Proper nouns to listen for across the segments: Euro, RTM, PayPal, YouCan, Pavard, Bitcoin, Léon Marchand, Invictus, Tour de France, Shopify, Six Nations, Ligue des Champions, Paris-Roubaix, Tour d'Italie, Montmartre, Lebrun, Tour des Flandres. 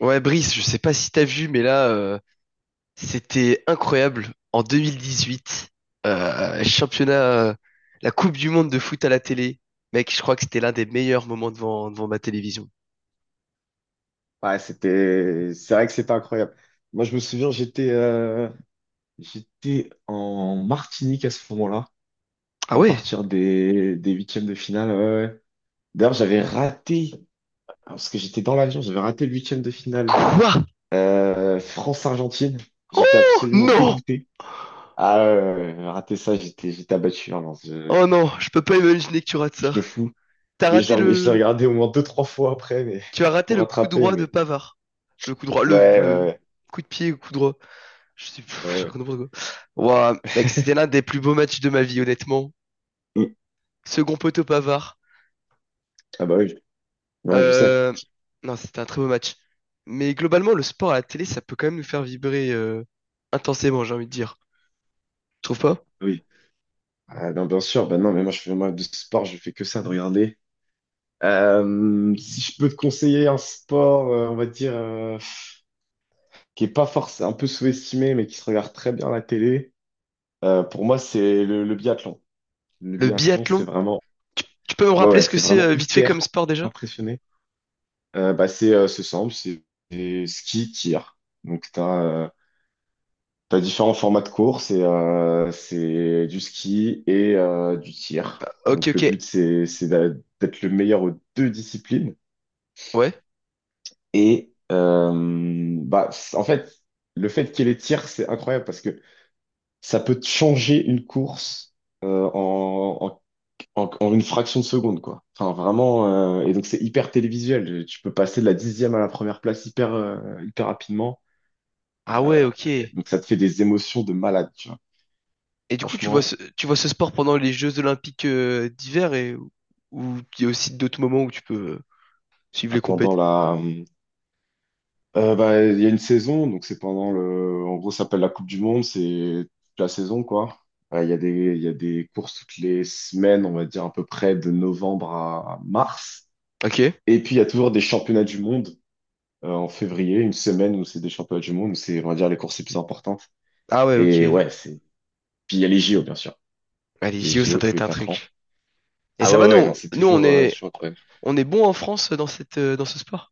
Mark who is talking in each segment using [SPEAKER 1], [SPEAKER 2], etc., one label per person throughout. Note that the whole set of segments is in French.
[SPEAKER 1] Ouais, Brice, je sais pas si t'as vu, mais là, c'était incroyable. En 2018, championnat, euh, la Coupe du Monde de foot à la télé. Mec, je crois que c'était l'un des meilleurs moments devant ma télévision.
[SPEAKER 2] Ouais, c'était, c'est vrai que c'était incroyable. Moi, je me souviens, j'étais en Martinique à ce moment-là,
[SPEAKER 1] Ah
[SPEAKER 2] à
[SPEAKER 1] ouais?
[SPEAKER 2] partir des huitièmes de finale. Ouais, ouais. D'ailleurs, j'avais raté, parce que j'étais dans l'avion, j'avais raté le huitième de finale.
[SPEAKER 1] Quoi?
[SPEAKER 2] France-Argentine, j'étais
[SPEAKER 1] Oh
[SPEAKER 2] absolument
[SPEAKER 1] non!
[SPEAKER 2] dégoûté. Ah, ouais, ouais, ouais, ouais, raté ça, j'étais abattu. Hein, non, je,
[SPEAKER 1] Oh non, je peux pas imaginer que tu rates
[SPEAKER 2] je te
[SPEAKER 1] ça.
[SPEAKER 2] fous.
[SPEAKER 1] T'as
[SPEAKER 2] Mais
[SPEAKER 1] raté
[SPEAKER 2] je l'ai
[SPEAKER 1] le,
[SPEAKER 2] regardé au moins deux, trois fois après, mais
[SPEAKER 1] tu as raté
[SPEAKER 2] pour
[SPEAKER 1] le coup
[SPEAKER 2] rattraper.
[SPEAKER 1] droit
[SPEAKER 2] Mais
[SPEAKER 1] de Pavard. Le coup droit, le,
[SPEAKER 2] ouais,
[SPEAKER 1] le
[SPEAKER 2] ouais,
[SPEAKER 1] coup de pied, le coup droit. Je sais plus,
[SPEAKER 2] ouais.
[SPEAKER 1] je
[SPEAKER 2] Ouais.
[SPEAKER 1] raconte n'importe quoi. Ouah, mec, c'était l'un des plus beaux matchs de ma vie, honnêtement.
[SPEAKER 2] Ouais. Mm.
[SPEAKER 1] Second poteau Pavard.
[SPEAKER 2] Ah bah oui, non, mais je sais.
[SPEAKER 1] Euh, non, c'était un très beau match. Mais globalement, le sport à la télé, ça peut quand même nous faire vibrer intensément, j'ai envie de dire. Tu trouves pas?
[SPEAKER 2] Oui. Ah, non, bien sûr, ben non, mais moi je fais moi de sport, je fais que ça de regarder. Si je peux te conseiller un sport, on va dire, qui est pas forcément un peu sous-estimé, mais qui se regarde très bien à la télé, pour moi c'est le biathlon. Le
[SPEAKER 1] Le
[SPEAKER 2] biathlon, c'est
[SPEAKER 1] biathlon,
[SPEAKER 2] vraiment,
[SPEAKER 1] tu peux me
[SPEAKER 2] ouais,
[SPEAKER 1] rappeler
[SPEAKER 2] ouais,
[SPEAKER 1] ce que
[SPEAKER 2] c'est
[SPEAKER 1] c'est
[SPEAKER 2] vraiment
[SPEAKER 1] vite fait comme
[SPEAKER 2] hyper
[SPEAKER 1] sport déjà?
[SPEAKER 2] impressionné. Bah, c'est simple, c'est ski, tir. Donc t'as différents formats de course et c'est du ski et du tir.
[SPEAKER 1] Ok,
[SPEAKER 2] Donc le
[SPEAKER 1] ok.
[SPEAKER 2] but c'est d'être le meilleur aux deux disciplines.
[SPEAKER 1] Ouais.
[SPEAKER 2] Et bah en fait le fait qu'il y ait les tirs c'est incroyable parce que ça peut te changer une course euh, en, en, en une fraction de seconde quoi. Enfin vraiment et donc c'est hyper télévisuel. Tu peux passer de la 10e à la première place hyper rapidement.
[SPEAKER 1] Ah
[SPEAKER 2] Euh,
[SPEAKER 1] ouais, ok. Et
[SPEAKER 2] donc ça te fait des émotions de malade tu vois.
[SPEAKER 1] du coup, tu vois ce,
[SPEAKER 2] Franchement
[SPEAKER 1] tu vois ce sport pendant les Jeux Olympiques d'hiver et où il y a aussi d'autres moments où tu peux suivre les
[SPEAKER 2] pendant
[SPEAKER 1] compètes.
[SPEAKER 2] la Bah, il y a une saison, donc c'est pendant le. En gros, ça s'appelle la Coupe du Monde, c'est toute la saison, quoi. Il y a des courses toutes les semaines, on va dire à peu près de novembre à mars.
[SPEAKER 1] Ok.
[SPEAKER 2] Et puis, il y a toujours des championnats du monde en février, une semaine où c'est des championnats du monde, où c'est, on va dire, les courses les plus importantes.
[SPEAKER 1] Ah ouais, ok.
[SPEAKER 2] Et ouais, c'est. Puis, il y a les JO, bien sûr.
[SPEAKER 1] Allez, les
[SPEAKER 2] Les
[SPEAKER 1] JO, ça
[SPEAKER 2] JO
[SPEAKER 1] doit
[SPEAKER 2] tous
[SPEAKER 1] être
[SPEAKER 2] les
[SPEAKER 1] un
[SPEAKER 2] 4 ans.
[SPEAKER 1] truc. Et
[SPEAKER 2] Ah
[SPEAKER 1] ça va,
[SPEAKER 2] ouais, ouais, non, c'est toujours, euh, c'est toujours incroyable.
[SPEAKER 1] on est bon en France dans ce sport?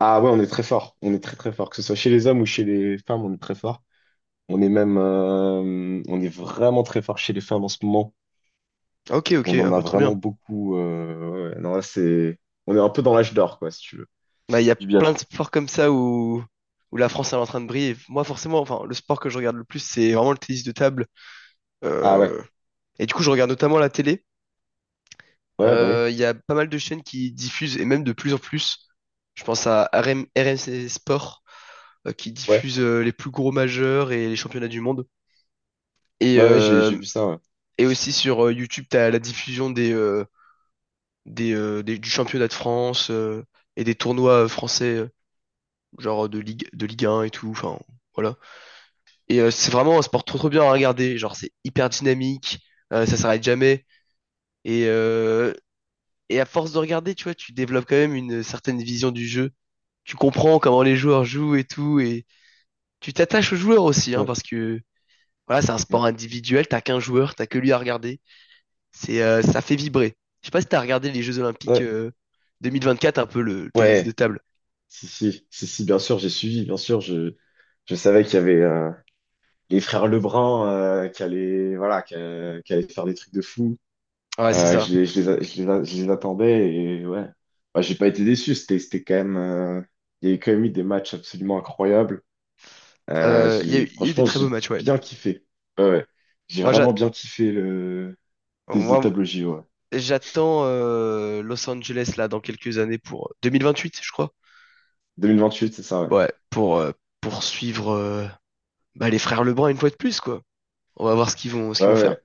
[SPEAKER 2] Ah ouais, on est très fort. On est très, très fort. Que ce soit chez les hommes ou chez les femmes, on est très fort. On est même, on est vraiment très fort chez les femmes en ce moment.
[SPEAKER 1] Ok, ok.
[SPEAKER 2] On
[SPEAKER 1] Ah
[SPEAKER 2] en a
[SPEAKER 1] bah trop bien.
[SPEAKER 2] vraiment beaucoup. Ouais. Ouais. Non, là, c'est, on est un peu dans l'âge d'or, quoi, si tu veux,
[SPEAKER 1] Bah, il y a
[SPEAKER 2] du
[SPEAKER 1] plein de
[SPEAKER 2] biathlon.
[SPEAKER 1] sports comme ça où la France elle est en train de briller. Moi, forcément, enfin, le sport que je regarde le plus, c'est vraiment le tennis de table.
[SPEAKER 2] Ah ouais,
[SPEAKER 1] Euh, et du coup, je regarde notamment la télé.
[SPEAKER 2] ouais, bah oui,
[SPEAKER 1] Il y a pas mal de chaînes qui diffusent, et même de plus en plus. Je pense à RM RMC Sport, qui
[SPEAKER 2] ouais,
[SPEAKER 1] diffuse les plus gros majeurs et les championnats du monde. Et,
[SPEAKER 2] bah ouais, j'ai,
[SPEAKER 1] euh,
[SPEAKER 2] j'ai vu ça. Ouais,
[SPEAKER 1] et aussi sur YouTube, tu as la diffusion du championnat de France et des tournois français, genre de Ligue 1 et tout. Enfin, voilà. Et c'est vraiment un sport trop trop bien à regarder. Genre, c'est hyper dynamique, ça s'arrête jamais. Et, euh, et à force de regarder, tu vois, tu développes quand même une certaine vision du jeu. Tu comprends comment les joueurs jouent et tout. Et tu t'attaches aux joueurs aussi, hein,
[SPEAKER 2] ouais,
[SPEAKER 1] parce que voilà, c'est un sport
[SPEAKER 2] ouais,
[SPEAKER 1] individuel. T'as qu'un joueur, t'as que lui à regarder. Ça fait vibrer. Je sais pas si t'as regardé les Jeux Olympiques
[SPEAKER 2] ouais.
[SPEAKER 1] 2024, un peu le tennis de
[SPEAKER 2] Ouais.
[SPEAKER 1] table.
[SPEAKER 2] Si, si, si, si, bien sûr, j'ai suivi, bien sûr, je savais qu'il y avait les frères Lebrun qui allaient, voilà, qui allaient faire des trucs de fou.
[SPEAKER 1] Ouais, c'est ça.
[SPEAKER 2] Je les a- je les a- Je les attendais et ouais. Bah, j'ai pas été déçu. C'était quand même. Il y a eu quand même eu des matchs absolument incroyables.
[SPEAKER 1] Il y, a eu il y a eu des
[SPEAKER 2] Franchement,
[SPEAKER 1] très
[SPEAKER 2] j'ai
[SPEAKER 1] beaux matchs, ouais.
[SPEAKER 2] bien kiffé. Ouais, ouais. J'ai
[SPEAKER 1] Moi, j'a-
[SPEAKER 2] vraiment bien kiffé le des de
[SPEAKER 1] moi,
[SPEAKER 2] table au JO. Ouais.
[SPEAKER 1] J'attends euh, Los Angeles là dans quelques années pour 2028, je crois.
[SPEAKER 2] 2028, c'est ça, ouais.
[SPEAKER 1] Ouais, pour poursuivre bah, les frères Lebrun une fois de plus quoi. On va voir ce qu'ils vont ce
[SPEAKER 2] Ouais,
[SPEAKER 1] qu'ils vont faire.
[SPEAKER 2] ouais.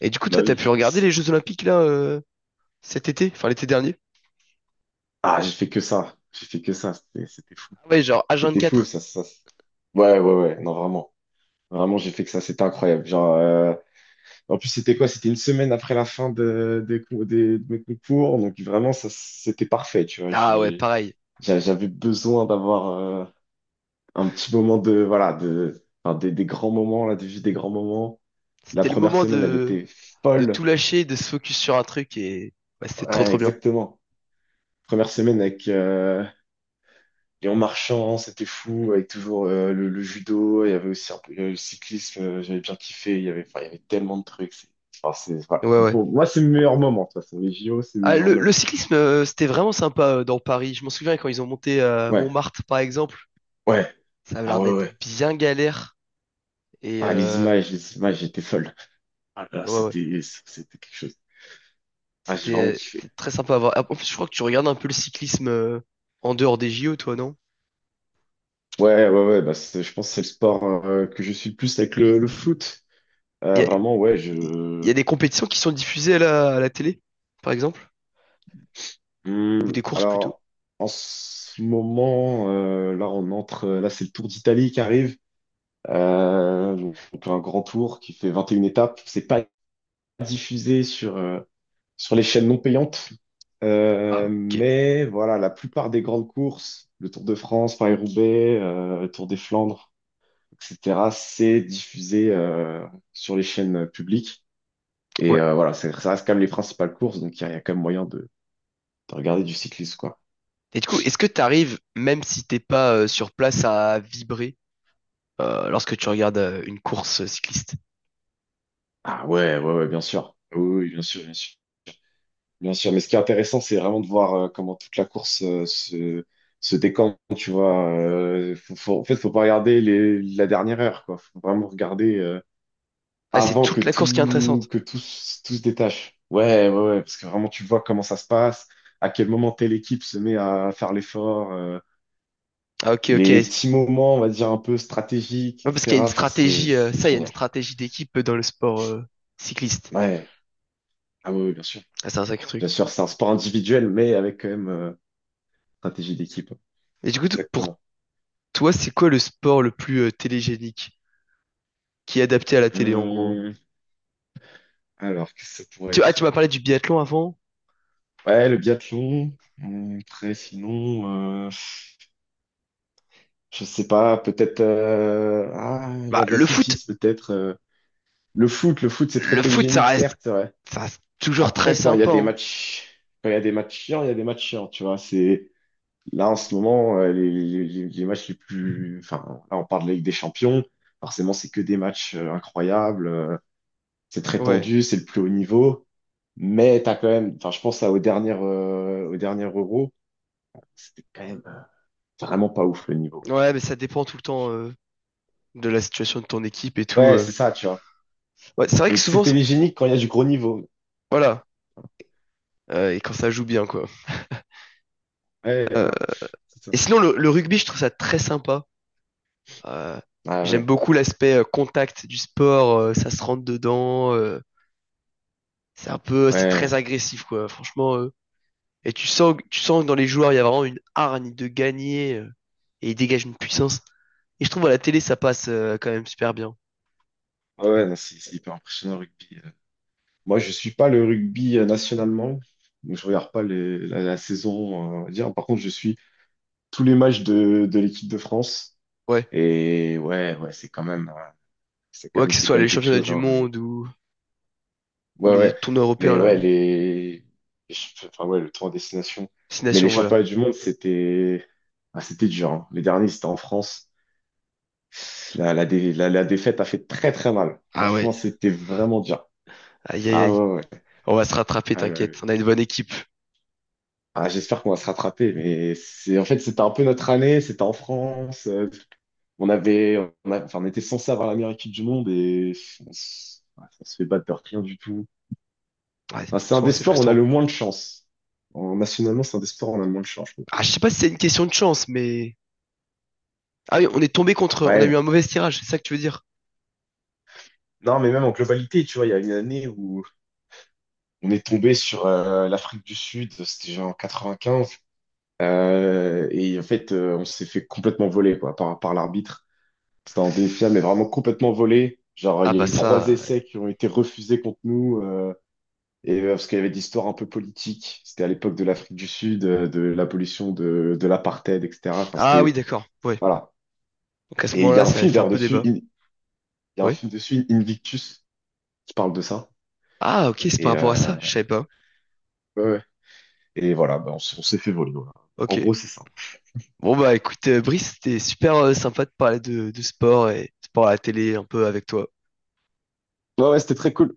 [SPEAKER 1] Et du coup,
[SPEAKER 2] Bah
[SPEAKER 1] toi, t'as
[SPEAKER 2] oui.
[SPEAKER 1] pu regarder les Jeux Olympiques là cet été, enfin l'été dernier?
[SPEAKER 2] Ah, j'ai fait que ça. J'ai fait que ça. C'était fou.
[SPEAKER 1] Ah ouais, genre
[SPEAKER 2] C'était fou,
[SPEAKER 1] H24.
[SPEAKER 2] ça, ça. Ouais, ouais, ouais. Non, vraiment. Vraiment, j'ai fait que ça. C'était incroyable. Genre, en plus, c'était quoi? C'était une semaine après la fin de, des cou- des- de mes concours. Donc, vraiment, ça, c'était parfait, tu vois.
[SPEAKER 1] Ah ouais, pareil.
[SPEAKER 2] J'avais besoin d'avoir un petit moment de, voilà, de, enfin, des grands moments, là, de vie des grands moments. La
[SPEAKER 1] C'était le
[SPEAKER 2] première
[SPEAKER 1] moment
[SPEAKER 2] semaine, elle
[SPEAKER 1] de
[SPEAKER 2] était
[SPEAKER 1] de tout
[SPEAKER 2] folle.
[SPEAKER 1] lâcher, de se focus sur un truc et ouais, c'était trop
[SPEAKER 2] Ouais,
[SPEAKER 1] trop bien.
[SPEAKER 2] exactement. Première semaine avec Léon Marchand, c'était fou, avec toujours le judo. Il y avait aussi un peu le cyclisme, j'avais bien kiffé. Il y avait, enfin, il y avait tellement de trucs. Enfin, c'est, voilà,
[SPEAKER 1] Ouais
[SPEAKER 2] c'est
[SPEAKER 1] ouais.
[SPEAKER 2] pour moi, c'est le meilleur moment, de toute façon. Les JO, c'est le
[SPEAKER 1] Ah,
[SPEAKER 2] meilleur
[SPEAKER 1] le
[SPEAKER 2] moment.
[SPEAKER 1] cyclisme, c'était vraiment sympa dans Paris. Je m'en souviens quand ils ont monté à
[SPEAKER 2] Ouais,
[SPEAKER 1] Montmartre par exemple.
[SPEAKER 2] ouais.
[SPEAKER 1] Ça avait
[SPEAKER 2] Ah
[SPEAKER 1] l'air
[SPEAKER 2] ouais, ouais.
[SPEAKER 1] d'être
[SPEAKER 2] Ouais.
[SPEAKER 1] bien galère. Et
[SPEAKER 2] Ah, les images étaient folles. Ah là,
[SPEAKER 1] ouais, ouais.
[SPEAKER 2] c'était, c'était quelque chose. Ah, j'ai vraiment
[SPEAKER 1] C'était
[SPEAKER 2] kiffé.
[SPEAKER 1] c'était très sympa à voir. En plus, je crois que tu regardes un peu le cyclisme en dehors des JO, toi, non?
[SPEAKER 2] Ouais, ouais, ouais, bah, je pense que c'est le sport que je suis le plus avec le foot.
[SPEAKER 1] Il y a,
[SPEAKER 2] Vraiment, ouais,
[SPEAKER 1] il y
[SPEAKER 2] je.
[SPEAKER 1] a des compétitions qui sont diffusées à la télé, par exemple, ou des courses plutôt.
[SPEAKER 2] Alors, en ce moment, là, on entre. Là, c'est le Tour d'Italie qui arrive. Donc, un grand tour qui fait 21 étapes. C'est pas diffusé sur les chaînes non payantes.
[SPEAKER 1] Ah, ok.
[SPEAKER 2] Mais voilà, la plupart des grandes courses, le Tour de France, Paris-Roubaix, le Tour des Flandres, etc., c'est diffusé sur les chaînes publiques. Et
[SPEAKER 1] Ouais.
[SPEAKER 2] voilà, ça reste quand même les principales courses, donc il y a quand même moyen de regarder du cyclisme, quoi.
[SPEAKER 1] Et du coup, est-ce que tu arrives, même si t'es pas sur place, à vibrer lorsque tu regardes une course cycliste?
[SPEAKER 2] Ah ouais, ouais, ouais, bien sûr. Oui, oui, bien sûr, bien sûr. Bien sûr, mais ce qui est intéressant, c'est vraiment de voir comment toute la course se décante, tu vois. En fait, faut pas regarder la dernière heure, quoi. Faut vraiment regarder...
[SPEAKER 1] Ah, c'est
[SPEAKER 2] avant
[SPEAKER 1] toute la course qui est intéressante.
[SPEAKER 2] tout se détache. Ouais, ouais, ouais, parce que vraiment, tu vois comment ça se passe, à quel moment telle équipe se met à faire l'effort,
[SPEAKER 1] Ah, ok, ok.
[SPEAKER 2] les
[SPEAKER 1] Ouais,
[SPEAKER 2] petits moments, on va dire, un peu stratégiques,
[SPEAKER 1] parce qu'il y a
[SPEAKER 2] etc. Enfin, c'est, c'est
[SPEAKER 1] il y a une
[SPEAKER 2] génial.
[SPEAKER 1] stratégie d'équipe dans le sport cycliste.
[SPEAKER 2] Ouais, ah oui, bien sûr.
[SPEAKER 1] Ah, c'est un sacré
[SPEAKER 2] Bien
[SPEAKER 1] truc.
[SPEAKER 2] sûr, c'est un sport individuel, mais avec quand même stratégie d'équipe.
[SPEAKER 1] Et du coup, pour
[SPEAKER 2] Exactement.
[SPEAKER 1] toi, c'est quoi le sport le plus télégénique qui est adapté à la télé en gros?
[SPEAKER 2] Hum, alors, qu'est-ce que ça pourrait
[SPEAKER 1] Tu
[SPEAKER 2] être?
[SPEAKER 1] m'as parlé du biathlon avant?
[SPEAKER 2] Ouais, le biathlon. Après, sinon, je sais pas, peut-être ah,
[SPEAKER 1] Bah, le foot,
[SPEAKER 2] l'athlétisme, peut-être. Le foot, c'est très
[SPEAKER 1] le foot, ça
[SPEAKER 2] télégénique,
[SPEAKER 1] reste,
[SPEAKER 2] certes, c'est vrai.
[SPEAKER 1] ça reste toujours très
[SPEAKER 2] Après,
[SPEAKER 1] sympa, hein.
[SPEAKER 2] quand il y a des matchs chiants, il y a des matchs chiants, tu vois. C'est là en ce moment les matchs les plus. Enfin, là, on parle de Ligue des Champions. Forcément, c'est que des matchs incroyables. C'est très
[SPEAKER 1] Ouais.
[SPEAKER 2] tendu, c'est le plus haut niveau. Mais t'as quand même. Enfin, je pense au dernier Euro, c'était quand même vraiment pas ouf le niveau.
[SPEAKER 1] Ouais, mais ça dépend tout le temps de la situation de ton équipe et tout.
[SPEAKER 2] Ouais,
[SPEAKER 1] euh.
[SPEAKER 2] c'est ça, tu vois.
[SPEAKER 1] Ouais, c'est vrai que
[SPEAKER 2] Donc c'est
[SPEAKER 1] souvent,
[SPEAKER 2] télégénique quand il y a du gros niveau.
[SPEAKER 1] voilà, et quand ça joue bien quoi.
[SPEAKER 2] Ouais,
[SPEAKER 1] Euh,
[SPEAKER 2] voilà. C'est ça.
[SPEAKER 1] et sinon, le rugby, je trouve ça très sympa. Euh,
[SPEAKER 2] Ah
[SPEAKER 1] j'aime
[SPEAKER 2] ouais.
[SPEAKER 1] beaucoup l'aspect contact du sport, ça se rentre dedans. C'est très
[SPEAKER 2] Ouais.
[SPEAKER 1] agressif quoi. Franchement, et tu sens, tu sens que dans les joueurs, il y a vraiment une hargne de gagner et ils dégagent une puissance. Et je trouve à la télé, ça passe quand même super bien.
[SPEAKER 2] Ah ouais, non, c'est hyper impressionnant le rugby. Moi, je suis pas le rugby nationalement, donc je regarde pas la saison, on va dire. Par contre, je suis tous les matchs de l'équipe de France.
[SPEAKER 1] Ouais.
[SPEAKER 2] Et ouais, ouais, c'est quand même, c'est quand
[SPEAKER 1] Ouais,
[SPEAKER 2] même,
[SPEAKER 1] que ce
[SPEAKER 2] c'est
[SPEAKER 1] soit
[SPEAKER 2] quand même
[SPEAKER 1] les
[SPEAKER 2] quelque
[SPEAKER 1] championnats
[SPEAKER 2] chose.
[SPEAKER 1] du
[SPEAKER 2] Hein, mais
[SPEAKER 1] monde ou
[SPEAKER 2] ouais,
[SPEAKER 1] les
[SPEAKER 2] ouais,
[SPEAKER 1] tournois européens,
[SPEAKER 2] mais
[SPEAKER 1] là.
[SPEAKER 2] ouais,
[SPEAKER 1] euh,
[SPEAKER 2] enfin ouais, le tour en destination.
[SPEAKER 1] Six
[SPEAKER 2] Mais les
[SPEAKER 1] nations, voilà.
[SPEAKER 2] championnats du monde, c'était, ah, c'était dur. Hein. Les derniers, c'était en France. La défaite a fait très très mal.
[SPEAKER 1] Ah ouais.
[SPEAKER 2] Franchement, c'était vraiment dur.
[SPEAKER 1] Aïe, aïe,
[SPEAKER 2] Ah
[SPEAKER 1] aïe.
[SPEAKER 2] ouais, ouais.
[SPEAKER 1] On va se rattraper,
[SPEAKER 2] Ah ouais,
[SPEAKER 1] t'inquiète.
[SPEAKER 2] ouais.
[SPEAKER 1] On a une bonne équipe.
[SPEAKER 2] Ah, j'espère qu'on va se rattraper, mais c'est en fait c'était un peu notre année, c'était en France, on avait, enfin, on était censé avoir la meilleure équipe du monde et ouais, on se fait battre de rien du tout.
[SPEAKER 1] Ouais,
[SPEAKER 2] Enfin, c'est un
[SPEAKER 1] souvent
[SPEAKER 2] des
[SPEAKER 1] c'est
[SPEAKER 2] sports où on a
[SPEAKER 1] frustrant.
[SPEAKER 2] le moins de chance. Nationalement, c'est un des sports où on a le moins de chance, je trouve.
[SPEAKER 1] Ah, je sais pas si c'est une question de chance, mais. Ah oui, on est tombé contre. On a eu
[SPEAKER 2] Ouais.
[SPEAKER 1] un mauvais tirage, c'est ça que tu veux dire?
[SPEAKER 2] Non, mais même en globalité, tu vois, il y a une année où on est tombé sur l'Afrique du Sud, c'était genre en 95, et en fait on s'est fait complètement voler quoi par l'arbitre. C'était un finale mais vraiment complètement volé. Genre, il
[SPEAKER 1] Ah
[SPEAKER 2] y a
[SPEAKER 1] bah
[SPEAKER 2] eu
[SPEAKER 1] ça.
[SPEAKER 2] trois essais qui ont été refusés contre nous, et parce qu'il y avait des histoires un peu politiques. C'était à l'époque de l'Afrique du Sud, de l'abolition de l'apartheid, etc. Enfin,
[SPEAKER 1] Ah oui,
[SPEAKER 2] c'était,
[SPEAKER 1] d'accord. Ouais.
[SPEAKER 2] voilà.
[SPEAKER 1] Donc à ce
[SPEAKER 2] Et il y
[SPEAKER 1] moment-là,
[SPEAKER 2] a un
[SPEAKER 1] ça avait
[SPEAKER 2] film
[SPEAKER 1] fait un
[SPEAKER 2] d'ailleurs
[SPEAKER 1] peu
[SPEAKER 2] dessus,
[SPEAKER 1] débat.
[SPEAKER 2] Il y a un
[SPEAKER 1] Oui.
[SPEAKER 2] film dessus, Invictus, qui parle de ça.
[SPEAKER 1] Ah ok, c'est par
[SPEAKER 2] Et,
[SPEAKER 1] rapport à ça.
[SPEAKER 2] euh,
[SPEAKER 1] Je savais pas.
[SPEAKER 2] ouais, ouais. Et voilà, bah, on s'est fait voler. Voilà. En
[SPEAKER 1] Ok.
[SPEAKER 2] gros, c'est ça.
[SPEAKER 1] Bon bah écoute, Brice, c'était super sympa de parler de sport et sport à la télé un peu avec toi.
[SPEAKER 2] Ouais, ouais, c'était très cool.